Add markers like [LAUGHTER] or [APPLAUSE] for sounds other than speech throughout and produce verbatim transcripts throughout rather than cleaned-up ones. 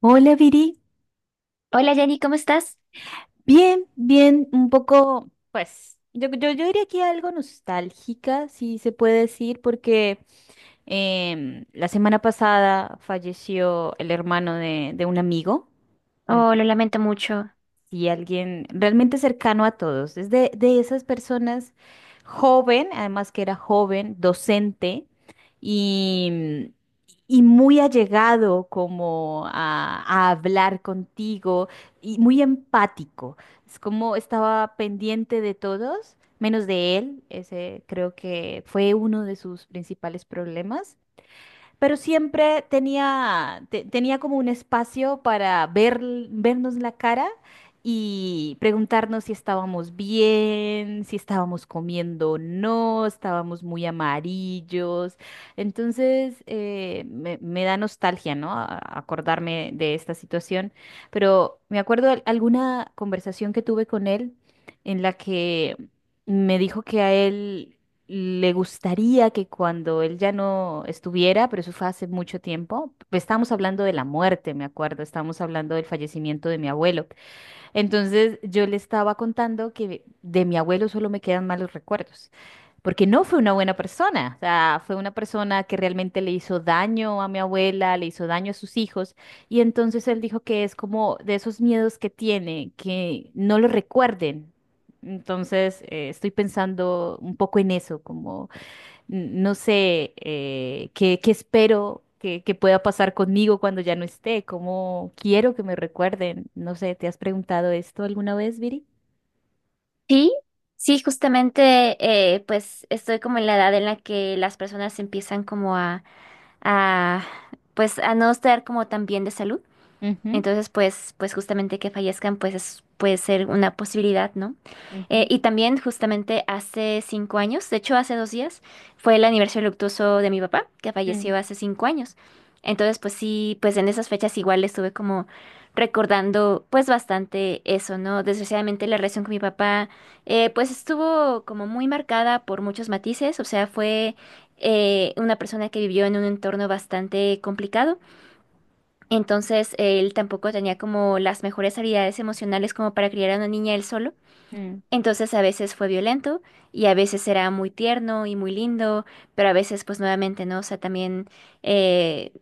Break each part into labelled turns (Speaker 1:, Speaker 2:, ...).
Speaker 1: Hola Viri,
Speaker 2: Hola Jenny, ¿cómo estás?
Speaker 1: bien, bien, un poco, pues, yo, yo, yo diría que algo nostálgica, si se puede decir, porque em, la semana pasada falleció el hermano de, de un amigo,
Speaker 2: Oh, lo lamento mucho.
Speaker 1: y alguien realmente cercano a todos. Es de, de esas personas joven, además que era joven, docente y, y muy allegado como a, a hablar contigo y muy empático. Es como estaba pendiente de todos, menos de él. Ese creo que fue uno de sus principales problemas, pero siempre tenía, te- tenía como un espacio para ver, vernos la cara y preguntarnos si estábamos bien, si estábamos comiendo o no, estábamos muy amarillos. Entonces, eh, me, me da nostalgia, ¿no? A- acordarme de esta situación, pero me acuerdo de alguna conversación que tuve con él en la que me dijo que a él le gustaría que cuando él ya no estuviera, pero eso fue hace mucho tiempo, pues estábamos hablando de la muerte, me acuerdo, estábamos hablando del fallecimiento de mi abuelo. Entonces yo le estaba contando que de mi abuelo solo me quedan malos recuerdos, porque no fue una buena persona, o sea, fue una persona que realmente le hizo daño a mi abuela, le hizo daño a sus hijos, y entonces él dijo que es como de esos miedos que tiene, que no lo recuerden. Entonces eh, estoy pensando un poco en eso, como no sé, eh, qué, qué espero que, que pueda pasar conmigo cuando ya no esté, cómo quiero que me recuerden. No sé, ¿te has preguntado esto alguna vez, Viri?
Speaker 2: Sí, sí, justamente eh, pues estoy como en la edad en la que las personas empiezan como a, a pues a no estar como tan bien de salud.
Speaker 1: Ujú,
Speaker 2: Entonces, pues, pues justamente que fallezcan, pues es- puede ser una posibilidad, ¿no? Eh,
Speaker 1: ujú,
Speaker 2: y también justamente hace cinco años, de hecho hace dos días, fue el aniversario luctuoso de mi papá, que
Speaker 1: mm,
Speaker 2: falleció hace cinco años. Entonces, pues sí, pues en esas fechas igual estuve como recordando pues bastante eso, ¿no? Desgraciadamente la relación con mi papá, eh, pues estuvo como muy marcada por muchos matices, o sea, fue eh, una persona que vivió en un entorno bastante complicado. Entonces, él tampoco tenía como las mejores habilidades emocionales como para criar a una niña él solo.
Speaker 1: mm,
Speaker 2: Entonces, a veces fue violento y a veces era muy tierno y muy lindo, pero a veces, pues nuevamente, ¿no? O sea, también, eh,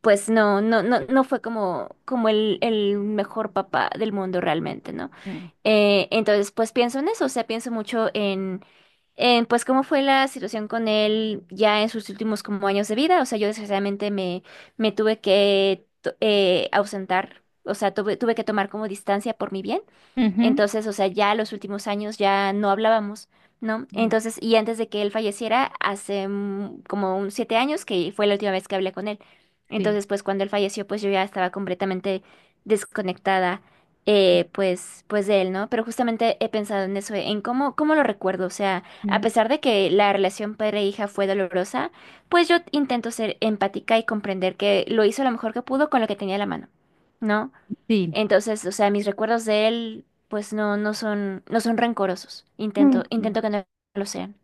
Speaker 2: pues no, no, no, no fue como, como el, el mejor papá del mundo realmente, ¿no?
Speaker 1: mm,
Speaker 2: Eh, entonces, pues pienso en eso, o sea, pienso mucho eh, pues cómo fue la situación con él ya en sus últimos como años de vida. O sea, yo desgraciadamente me, me tuve que to- eh, ausentar, o sea, tuve, tuve que tomar como distancia por mi bien.
Speaker 1: ujú,
Speaker 2: Entonces, o sea, ya los últimos años ya no hablábamos, ¿no?
Speaker 1: mm,
Speaker 2: Entonces, y antes de que él falleciera, hace mm, como un siete años que fue la última vez que hablé con él.
Speaker 1: sí.
Speaker 2: Entonces, pues cuando él falleció, pues yo ya estaba completamente desconectada, eh, pues, pues de él, ¿no? Pero justamente he pensado en eso, en cómo, cómo lo recuerdo. O sea, a
Speaker 1: Mm,
Speaker 2: pesar de que la relación padre-hija fue dolorosa, pues yo intento ser empática y comprender que lo hizo lo mejor que pudo con lo que tenía a la mano, ¿no?
Speaker 1: sí.
Speaker 2: Entonces, o sea, mis recuerdos de él, pues no, no son, no son rencorosos. Intento,
Speaker 1: Mm,
Speaker 2: intento que no lo sean.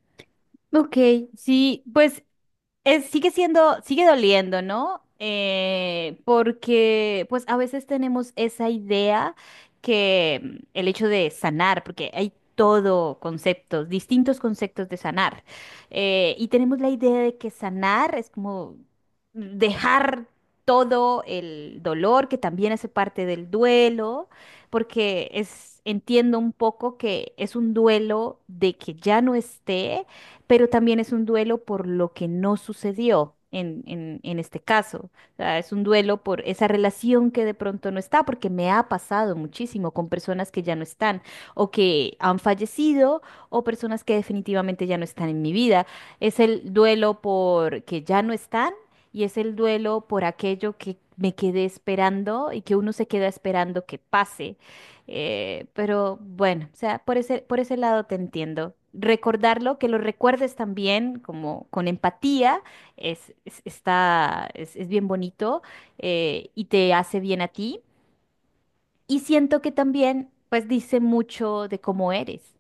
Speaker 1: ok, sí, pues eh, sigue siendo, sigue doliendo, ¿no? Eh, porque pues a veces tenemos esa idea que mm, el hecho de sanar, porque hay todo conceptos, distintos conceptos de sanar, eh, y tenemos la idea de que sanar es como dejar todo el dolor, que también hace parte del duelo, porque es, entiendo un poco que es un duelo de que ya no esté, pero también es un duelo por lo que no sucedió en, en, en este caso. O sea, es un duelo por esa relación que de pronto no está, porque me ha pasado muchísimo con personas que ya no están, o que han fallecido, o personas que definitivamente ya no están en mi vida. Es el duelo por que ya no están y es el duelo por aquello que me quedé esperando y que uno se queda esperando que pase. Eh, pero bueno, o sea, por ese, por ese lado te entiendo. Recordarlo, que lo recuerdes también como con empatía, es, es- está, es, es bien bonito, eh, y te hace bien a ti. Y siento que también, pues, dice mucho de cómo eres.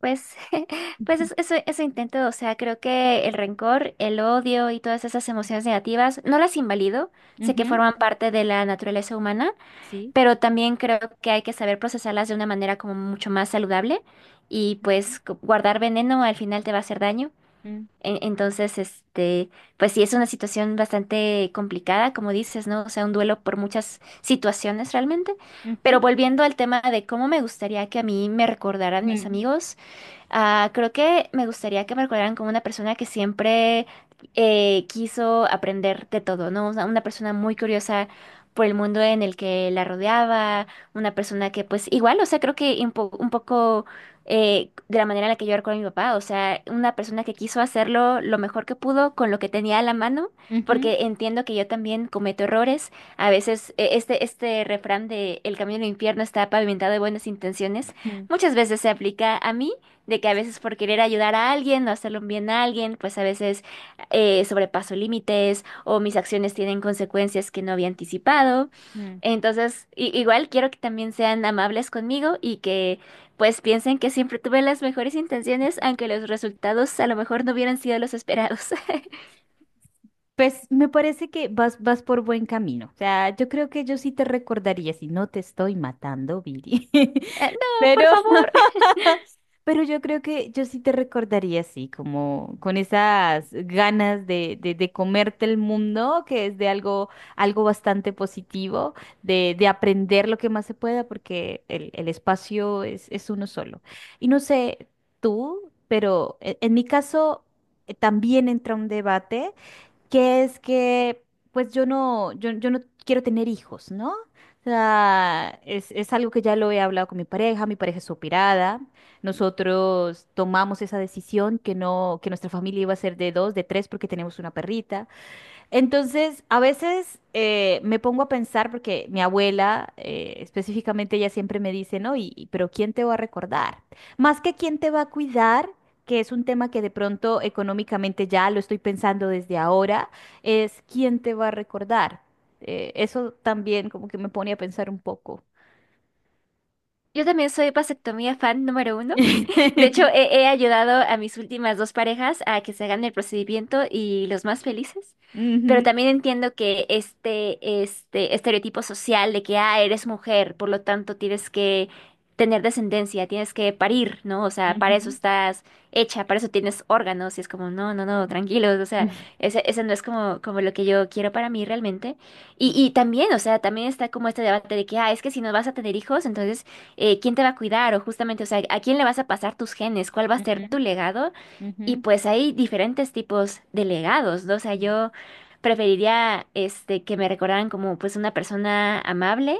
Speaker 2: Pues, [LAUGHS] pues es- eso, eso intento, o sea, creo que el rencor, el odio y todas esas emociones negativas, no las invalido, sé que
Speaker 1: Ujú,
Speaker 2: forman parte de la naturaleza humana,
Speaker 1: sí.
Speaker 2: pero también creo que hay que saber procesarlas de una manera como mucho más saludable y pues gu- guardar veneno al final te va a hacer daño.
Speaker 1: Mm,
Speaker 2: En- Entonces, este, pues sí, es una situación bastante complicada, como dices, ¿no? O sea, un duelo por muchas situaciones realmente.
Speaker 1: ujú,
Speaker 2: Pero volviendo al tema de cómo me gustaría que a mí me recordaran mis
Speaker 1: mm,
Speaker 2: amigos. Ah, creo que me gustaría que me recordaran como una persona que siempre eh, quiso aprender de todo, ¿no? O sea, una persona muy curiosa por el mundo en el que la rodeaba, una persona que pues igual, o sea, creo que un, po- un poco eh, de la manera en la que yo recuerdo a mi papá, o sea, una persona que quiso hacerlo lo mejor que pudo con lo que tenía a la mano,
Speaker 1: ujú,
Speaker 2: porque entiendo que yo también cometo errores. A veces eh, este, este refrán de el camino al infierno está pavimentado de buenas intenciones,
Speaker 1: mm,
Speaker 2: muchas veces se aplica a mí de que a veces por querer ayudar a alguien o hacerle un bien a alguien, pues a veces eh, sobrepaso límites o mis acciones tienen consecuencias que no había anticipado.
Speaker 1: mm.
Speaker 2: Entonces, i- igual quiero que también sean amables conmigo y que pues piensen que siempre tuve las mejores intenciones, aunque los resultados a lo mejor no hubieran sido los esperados. [LAUGHS]
Speaker 1: Pues me parece que vas, vas por buen camino. O sea, yo creo que yo sí te recordaría si no te estoy matando, Viri. [LAUGHS]
Speaker 2: Ah, no,
Speaker 1: Pero
Speaker 2: por favor.
Speaker 1: Pero yo creo que yo sí te recordaría así, como con esas ganas de, de, de comerte el mundo, que es de algo, algo bastante positivo, de, de aprender lo que más se pueda, porque el, el espacio es, es uno solo. Y no sé tú, pero e- en mi caso eh, también entra un debate que es que pues yo no, yo, yo no quiero tener hijos, ¿no? O sea, es, es algo que ya lo he hablado con mi pareja, mi pareja es operada, nosotros tomamos esa decisión que no, que nuestra familia iba a ser de dos, de tres, porque tenemos una perrita. Entonces, a veces eh, me pongo a pensar, porque mi abuela, eh, específicamente, ella siempre me dice, ¿no? Y, y- pero ¿quién te va a recordar? Más que quién te va a cuidar, que es un tema que de pronto económicamente ya lo estoy pensando desde ahora, es quién te va a recordar. Eh, eso también como que me pone a pensar un poco.
Speaker 2: Yo también soy vasectomía fan número uno. De hecho,
Speaker 1: [LAUGHS]
Speaker 2: he, he ayudado a mis últimas dos parejas a que se hagan el procedimiento y los más felices. Pero
Speaker 1: Ujú,
Speaker 2: también entiendo que este, este estereotipo social de que, ah, eres mujer, por lo tanto tienes que tener descendencia, tienes que parir, ¿no? O sea, para eso
Speaker 1: ujú,
Speaker 2: estás hecha, para eso tienes órganos. Y es como, no, no, no, tranquilos. O sea,
Speaker 1: ujú,
Speaker 2: ese, ese no es como, como lo que yo quiero para mí realmente. Y, y también, o sea, también está como este debate de que, ah, es que si no vas a tener hijos, entonces eh, quién te va a cuidar o justamente, o sea, a quién le vas a pasar tus genes, cuál va a ser tu legado. Y
Speaker 1: ujú,
Speaker 2: pues hay diferentes tipos de legados, ¿no? O sea, yo preferiría este, que me recordaran como pues una persona amable,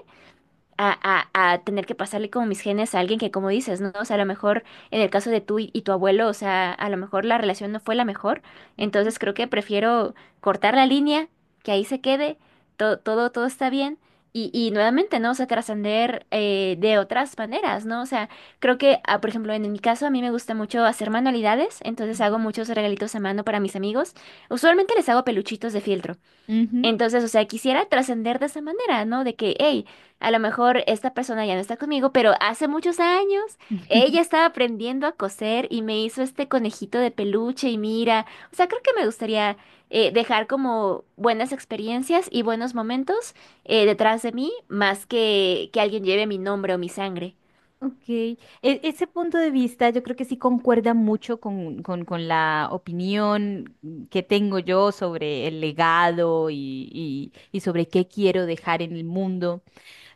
Speaker 2: a, a, a tener que pasarle como mis genes a alguien que, como dices, ¿no? O sea, a lo mejor en el caso de tú y, y tu abuelo, o sea, a lo mejor la relación no fue la mejor.
Speaker 1: ujú, ujú,
Speaker 2: Entonces creo que prefiero cortar la línea, que ahí se quede, todo, todo, todo está bien. Y, y nuevamente, ¿no? O sea, trascender eh, de otras maneras, ¿no? O sea, creo que, ah, por ejemplo, en mi caso, a mí me gusta mucho hacer manualidades, entonces hago muchos regalitos a mano para mis amigos. Usualmente les hago peluchitos de fieltro.
Speaker 1: ujú,
Speaker 2: Entonces, o sea, quisiera trascender de esa manera, ¿no? De que, hey, a lo mejor esta persona ya no está conmigo, pero hace muchos años
Speaker 1: ujú.
Speaker 2: ella estaba aprendiendo a coser y me hizo este conejito de peluche y mira, o sea, creo que me gustaría eh, dejar como buenas experiencias y buenos momentos eh, detrás de mí, más que que alguien lleve mi nombre o mi sangre.
Speaker 1: Ok, E- ese punto de vista yo creo que sí concuerda mucho con, con- con la opinión que tengo yo sobre el legado y, y- y sobre qué quiero dejar en el mundo.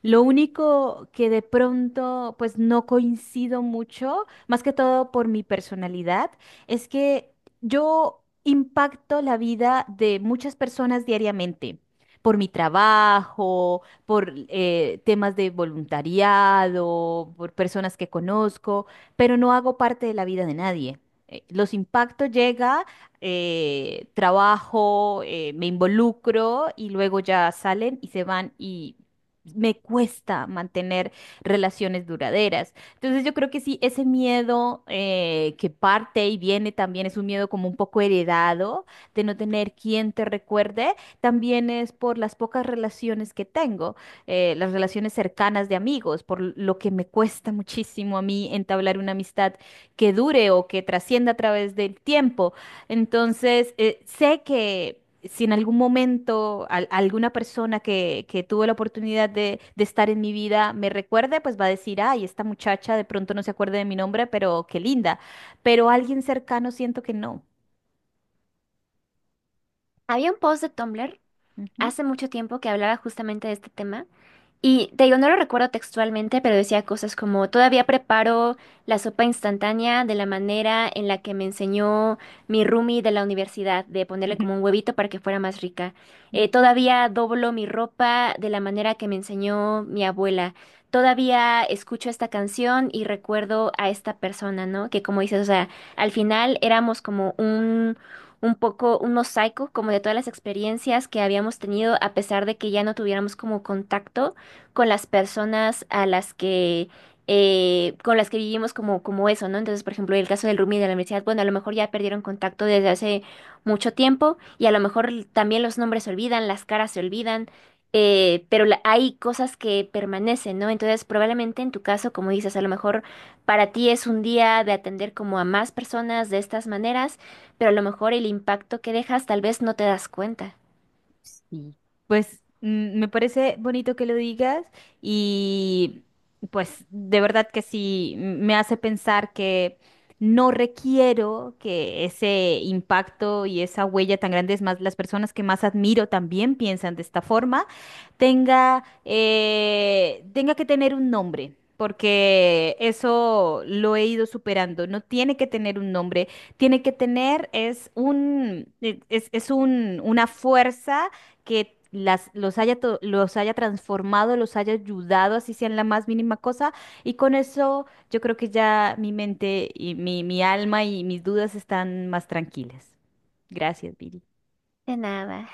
Speaker 1: Lo único que de pronto, pues no coincido mucho, más que todo por mi personalidad, es que yo impacto la vida de muchas personas diariamente, por mi trabajo, por eh, temas de voluntariado, por personas que conozco, pero no hago parte de la vida de nadie. Eh, Los impactos llega, eh, trabajo, eh, me involucro y luego ya salen y se van y me cuesta mantener relaciones duraderas. Entonces yo creo que sí, ese miedo eh, que parte y viene también es un miedo como un poco heredado de no tener quien te recuerde, también es por las pocas relaciones que tengo, eh, las relaciones cercanas de amigos, por lo que me cuesta muchísimo a mí entablar una amistad que dure o que trascienda a través del tiempo. Entonces, eh, sé que si en algún momento al- alguna persona que, que tuvo la oportunidad de, de estar en mi vida me recuerde, pues va a decir, ay, esta muchacha de pronto no se acuerda de mi nombre, pero qué linda. Pero alguien cercano siento que no.
Speaker 2: Había un post de Tumblr
Speaker 1: Ujú,
Speaker 2: hace mucho tiempo que hablaba justamente de este tema. Y te digo, no lo recuerdo textualmente, pero decía cosas como, todavía preparo la sopa instantánea de la manera en la que me enseñó mi roomie de la universidad, de ponerle como un
Speaker 1: [LAUGHS]
Speaker 2: huevito para que fuera más rica. Eh,
Speaker 1: ujú.
Speaker 2: todavía doblo mi ropa de la manera que me enseñó mi abuela. Todavía escucho esta canción y recuerdo a esta persona, ¿no? Que como dices, o sea, al final éramos como un... un poco un mosaico como de todas las experiencias que habíamos tenido a pesar de que ya no tuviéramos como contacto con las personas a las que eh, con las que vivimos como, como eso, ¿no? Entonces, por ejemplo, el caso del Rumi de la universidad, bueno, a lo mejor ya perdieron contacto desde hace mucho tiempo y a lo mejor también los nombres se olvidan, las caras se olvidan, eh, pero la- hay cosas que permanecen, ¿no? Entonces, probablemente en tu caso, como dices, a lo mejor para ti es un día de atender como a más personas de estas maneras, pero a lo mejor el impacto que dejas tal vez no te das cuenta.
Speaker 1: Sí, pues mm, me parece bonito que lo digas y pues de verdad que sí, m- me hace pensar que no requiero que ese impacto y esa huella tan grande, es más, las personas que más admiro también piensan de esta forma, tenga, eh, tenga que tener un nombre. Porque eso lo he ido superando. No tiene que tener un nombre. Tiene que tener es un, e, es, es un, una fuerza que las, los haya, to- los haya transformado, los haya ayudado, así sea en la más mínima cosa. Y con eso yo creo que ya mi mente y mi, mi alma y mis dudas están más tranquilas. Gracias, Viri.
Speaker 2: De nada.